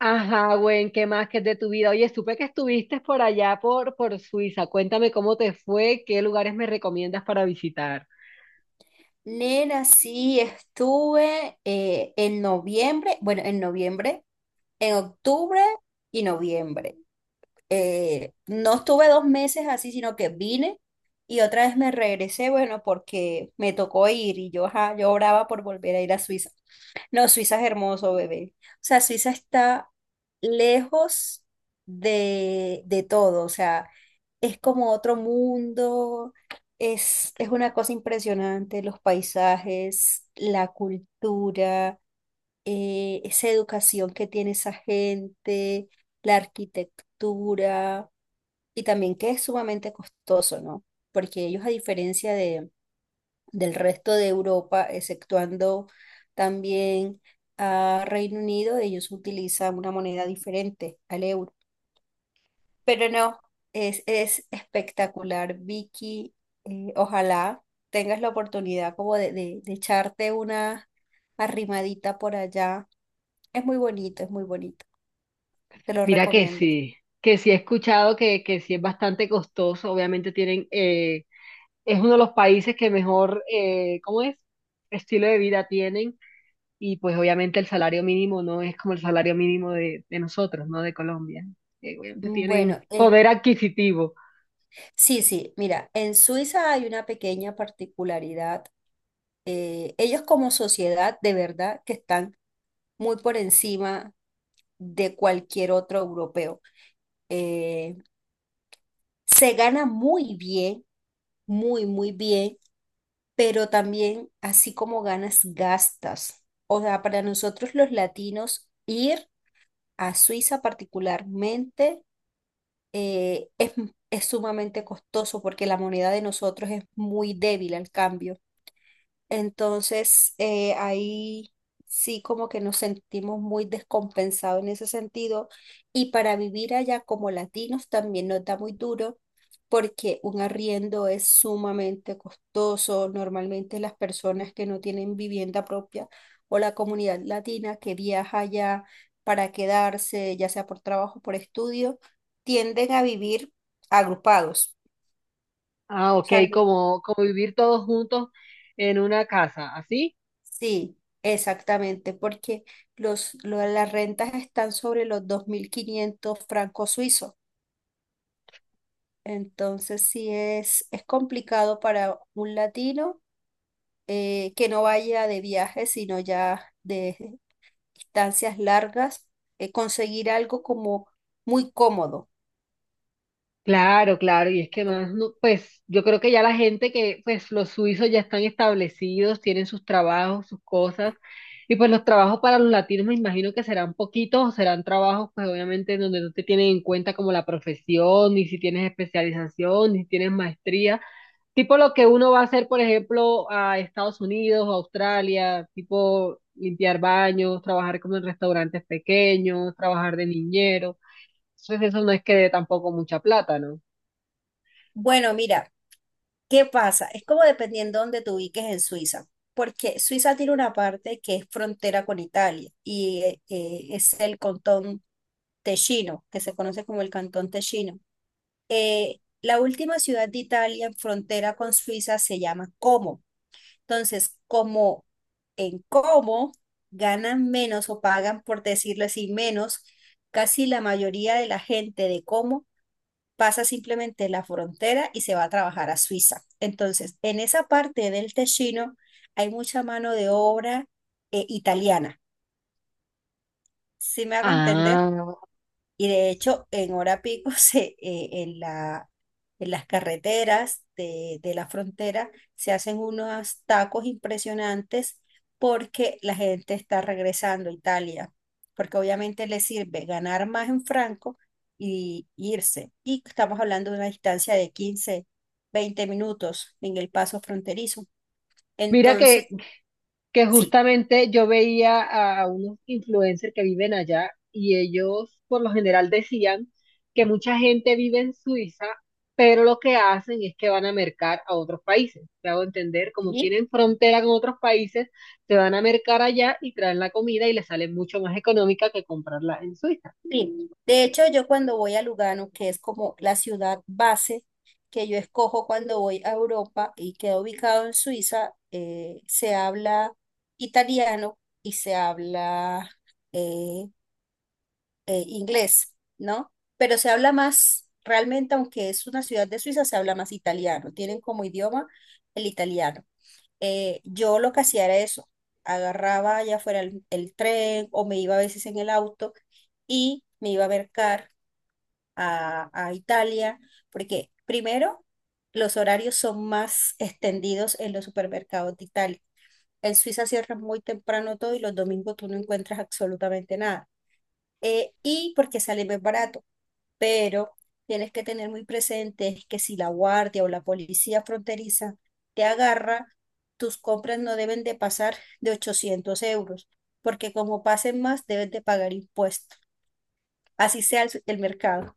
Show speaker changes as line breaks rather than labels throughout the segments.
Ajá, güey, ¿qué más que es de tu vida? Oye, supe que estuviste por allá por Suiza. Cuéntame cómo te fue, qué lugares me recomiendas para visitar.
Nena, sí, estuve en noviembre, bueno, en noviembre, en octubre y noviembre no estuve 2 meses así, sino que vine y otra vez me regresé, bueno, porque me tocó ir y yo, ajá, yo oraba por volver a ir a Suiza. No, Suiza es hermoso, bebé. O sea, Suiza está lejos de todo. O sea, es como otro mundo, es una cosa impresionante: los paisajes, la cultura, esa educación que tiene esa gente, la arquitectura, y también que es sumamente costoso, ¿no? Porque ellos, a diferencia del resto de Europa, exceptuando también a Reino Unido, ellos utilizan una moneda diferente al euro. Pero no, es espectacular, Vicky. Ojalá tengas la oportunidad como de, de echarte una arrimadita por allá. Es muy bonito, es muy bonito. Te lo
Mira
recomiendo.
que sí he escuchado que sí es bastante costoso. Obviamente tienen, es uno de los países que mejor, ¿cómo es? Estilo de vida tienen. Y pues obviamente el salario mínimo no es como el salario mínimo de nosotros, ¿no? De Colombia. Obviamente tienen
Bueno,
poder adquisitivo.
sí, sí, mira, en Suiza hay una pequeña particularidad. Ellos como sociedad, de verdad, que están muy por encima de cualquier otro europeo. Eh, se gana muy bien, muy, muy bien, pero también así como ganas, gastas. O sea, para nosotros los latinos, ir a Suiza particularmente eh, es, es sumamente costoso porque la moneda de nosotros es muy débil al cambio. Entonces, ahí sí como que nos sentimos muy descompensados en ese sentido. Y para vivir allá como latinos también nos da muy duro porque un arriendo es sumamente costoso. Normalmente las personas que no tienen vivienda propia, o la comunidad latina que viaja allá para quedarse, ya sea por trabajo o por estudio, tienden a vivir agrupados.
Ah, ok, como vivir todos juntos en una casa, ¿así?
Sí, exactamente, porque las rentas están sobre los 2500 francos suizos. Entonces, sí es complicado para un latino que no vaya de viaje, sino ya de distancias largas, conseguir algo como muy cómodo.
Claro, claro, y es que más, pues yo creo que ya la gente que, pues los suizos ya están establecidos, tienen sus trabajos, sus cosas, y pues los trabajos para los latinos me imagino que serán poquitos o serán trabajos, pues obviamente en donde no te tienen en cuenta como la profesión, ni si tienes especialización, ni si tienes maestría. Tipo lo que uno va a hacer, por ejemplo, a Estados Unidos o Australia, tipo limpiar baños, trabajar como en restaurantes pequeños, trabajar de niñero. Entonces eso no es que dé tampoco mucha plata, ¿no?
Bueno, mira, ¿qué pasa? Es como dependiendo dónde te ubiques en Suiza, porque Suiza tiene una parte que es frontera con Italia y es el cantón Ticino, que se conoce como el Cantón Ticino. La última ciudad de Italia en frontera con Suiza se llama Como. Entonces, como en Como ganan menos o pagan, por decirlo así, menos, casi la mayoría de la gente de Como pasa simplemente la frontera y se va a trabajar a Suiza. Entonces, en esa parte del Ticino hay mucha mano de obra italiana. ¿Sí me hago entender?
Ah.
Y de hecho, en hora pico, en las carreteras de la frontera se hacen unos tacos impresionantes porque la gente está regresando a Italia, porque obviamente les sirve ganar más en franco y irse. Y estamos hablando de una distancia de 15-20 minutos en el paso fronterizo.
Mira
Entonces,
que
sí.
justamente yo veía a unos influencers que viven allá y ellos por lo general decían que mucha gente vive en Suiza, pero lo que hacen es que van a mercar a otros países. Te hago entender, como tienen frontera con otros países, se van a mercar allá y traen la comida y les sale mucho más económica que comprarla en Suiza.
Sí, de hecho yo cuando voy a Lugano, que es como la ciudad base que yo escojo cuando voy a Europa y queda ubicado en Suiza, se habla italiano y se habla eh, inglés, ¿no? Pero se habla más, realmente, aunque es una ciudad de Suiza, se habla más italiano; tienen como idioma el italiano. Yo lo que hacía era eso: agarraba ya fuera el tren o me iba a veces en el auto, y me iba a ver a Italia, porque primero los horarios son más extendidos en los supermercados de Italia. En Suiza cierran muy temprano todo y los domingos tú no encuentras absolutamente nada. Y porque sale más barato, pero tienes que tener muy presente que si la guardia o la policía fronteriza te agarra, tus compras no deben de pasar de 800 euros, porque como pasen más, debes de pagar impuestos. Así sea el mercado.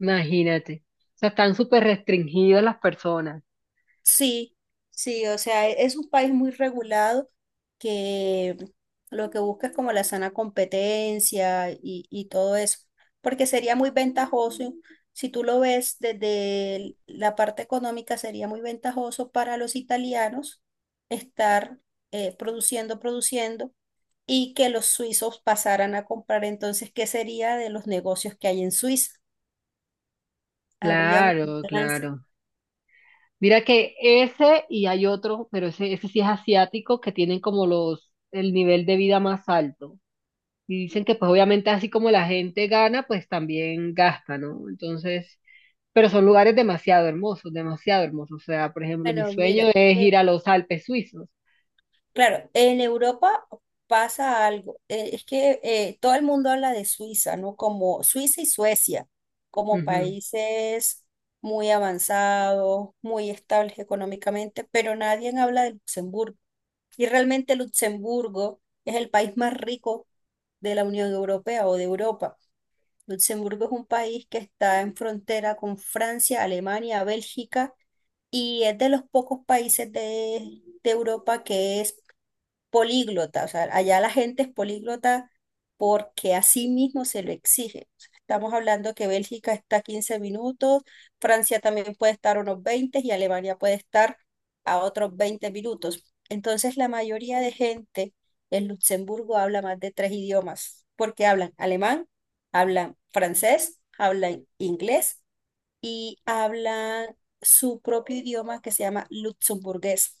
Imagínate. O sea, están súper restringidas las personas.
Sí, sí, o sea, es un país muy regulado, que lo que busca es como la sana competencia y todo eso, porque sería muy ventajoso, si tú lo ves desde la parte económica, sería muy ventajoso para los italianos estar produciendo, produciendo, y que los suizos pasaran a comprar. Entonces, ¿qué sería de los negocios que hay en Suiza? Habría un
Claro,
balance.
claro. Mira que ese y hay otro, pero ese sí es asiático, que tienen como el nivel de vida más alto. Y dicen que pues obviamente así como la gente gana, pues también gasta, ¿no? Entonces, pero son lugares demasiado hermosos, demasiado hermosos. O sea, por ejemplo, mi
Bueno,
sueño
mira.
es ir a los Alpes suizos.
Claro, en Europa pasa algo. Es que todo el mundo habla de Suiza, ¿no? Como Suiza y Suecia, como
Ujú,
países muy avanzados, muy estables económicamente, pero nadie habla de Luxemburgo. Y realmente Luxemburgo es el país más rico de la Unión Europea o de Europa. Luxemburgo es un país que está en frontera con Francia, Alemania, Bélgica, y es de los pocos países de Europa que es políglota. O sea, allá la gente es políglota porque a sí mismo se lo exige. O sea, estamos hablando que Bélgica está 15 minutos, Francia también puede estar unos 20 y Alemania puede estar a otros 20 minutos. Entonces, la mayoría de gente en Luxemburgo habla más de tres idiomas, porque hablan alemán, hablan francés, hablan inglés y hablan su propio idioma, que se llama luxemburgués.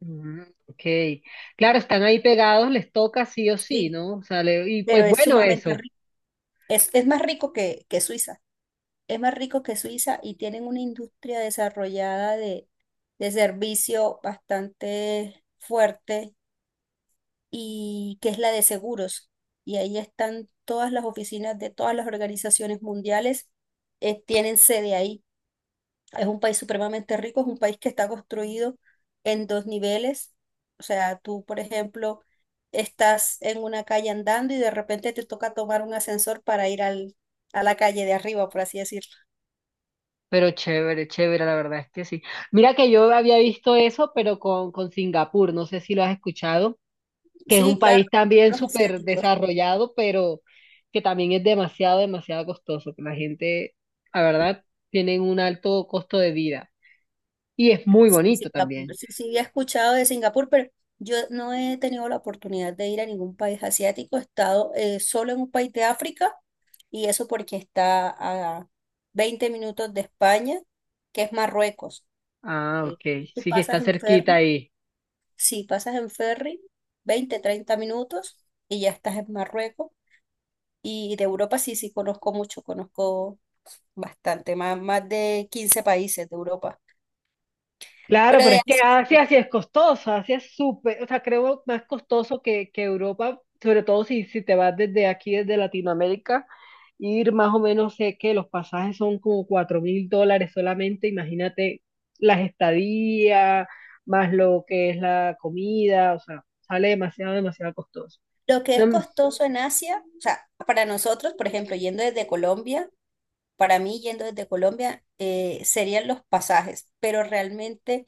ujú, ok. Claro, están ahí pegados, les toca sí o sí,
Sí,
¿no? O sea, y
pero
pues
es
bueno
sumamente...
eso.
Es más rico que Suiza, es más rico que Suiza, y tienen una industria desarrollada de servicio bastante fuerte, y que es la de seguros. Y ahí están todas las oficinas de todas las organizaciones mundiales, tienen sede ahí. Es un país supremamente rico, es un país que está construido en dos niveles. O sea, tú, por ejemplo, estás en una calle andando y de repente te toca tomar un ascensor para ir a la calle de arriba, por así decirlo.
Pero chévere, chévere, la verdad es que sí. Mira que yo había visto eso, pero con Singapur, no sé si lo has escuchado, que es un
Sí, claro,
país también
los
súper
asiáticos.
desarrollado, pero que también es demasiado, demasiado costoso, que la gente, la verdad, tienen un alto costo de vida. Y es muy
Sí, sí,
bonito
Singapur.
también.
Sí, sí, he escuchado de Singapur, pero yo no he tenido la oportunidad de ir a ningún país asiático. He estado solo en un país de África, y eso porque está a 20 minutos de España, que es Marruecos.
Ah,
Eh,
ok,
Tú
sí que está
pasas en
cerquita
ferry,
ahí.
sí pasas en ferry, 20-30 minutos y ya estás en Marruecos. Y de Europa sí, sí conozco mucho, conozco bastante, más, más de 15 países de Europa.
Claro,
Pero
pero
de
es que
Asia,
Asia sí es costoso, Asia es súper, o sea, creo más costoso que Europa, sobre todo si te vas desde aquí, desde Latinoamérica, ir más o menos, sé que los pasajes son como $4,000 solamente, imagínate las estadías, más lo que es la comida, o sea, sale demasiado, demasiado costoso.
lo que
No,
es costoso en Asia, o sea, para nosotros, por ejemplo, yendo desde Colombia, para mí yendo desde Colombia, serían los pasajes, pero realmente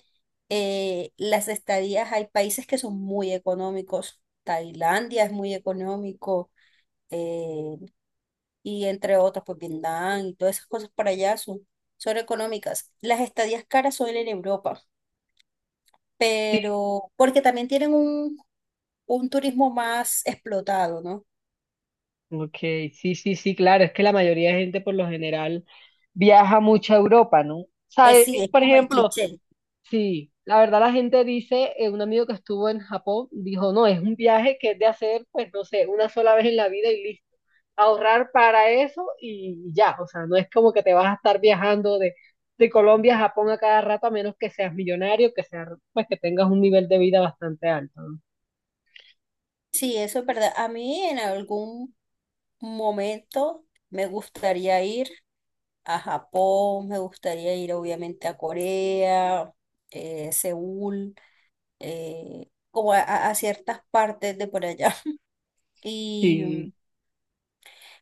las estadías, hay países que son muy económicos. Tailandia es muy económico, eh, y entre otras, pues Vietnam y todas esas cosas para allá son, son económicas. Las estadías caras son en Europa,
sí,
pero porque también tienen un turismo más explotado, ¿no?
ok, sí, sí, sí, claro, es que la mayoría de gente por lo general viaja mucho a Europa, ¿no? O
Que
sea,
sí, es
por
como el
ejemplo.
cliché.
Sí, la verdad la gente dice, un amigo que estuvo en Japón dijo, no, es un viaje que es de hacer, pues no sé, una sola vez en la vida y listo. Ahorrar para eso y ya, o sea, no es como que te vas a estar viajando de Colombia a Japón a cada rato, a menos que seas millonario, que seas, pues que tengas un nivel de vida bastante alto, ¿no?
Sí, eso es verdad. A mí en algún momento me gustaría ir a Japón, me gustaría ir obviamente a Corea, Seúl, como a ciertas partes de por allá. Y mm,
Sí,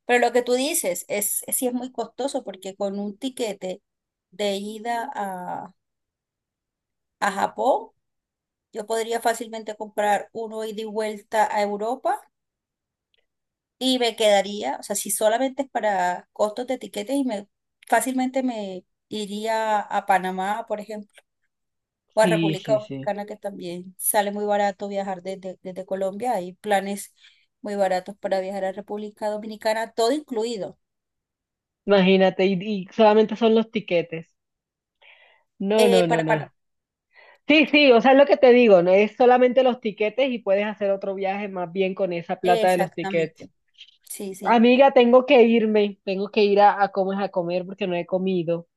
Pero lo que tú dices, es sí, es muy costoso, porque con un tiquete de ida a Japón, yo podría fácilmente comprar uno ida y vuelta a Europa y me quedaría. O sea, si solamente es para costos de tiquetes, y me fácilmente me iría a Panamá, por ejemplo, o a
sí,
República
sí, sí.
Dominicana, que también sale muy barato viajar desde Colombia. Hay planes muy baratos para viajar a República Dominicana, todo incluido.
Imagínate, y solamente son los tiquetes. No, no, no,
Para
no.
Panamá.
Sí, sí, o sea, es lo que te digo, no es solamente los tiquetes y puedes hacer otro viaje más bien con esa plata de los tiquetes.
Exactamente. Sí, sí.
Amiga, tengo que irme, tengo que ir a comer porque no he comido.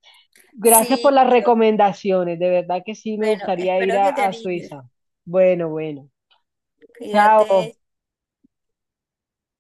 Gracias por
Sí,
las recomendaciones, de verdad que sí me
bueno,
gustaría ir
espero que te
a
animes.
Suiza. Bueno, bueno,
Cuídate.
chao.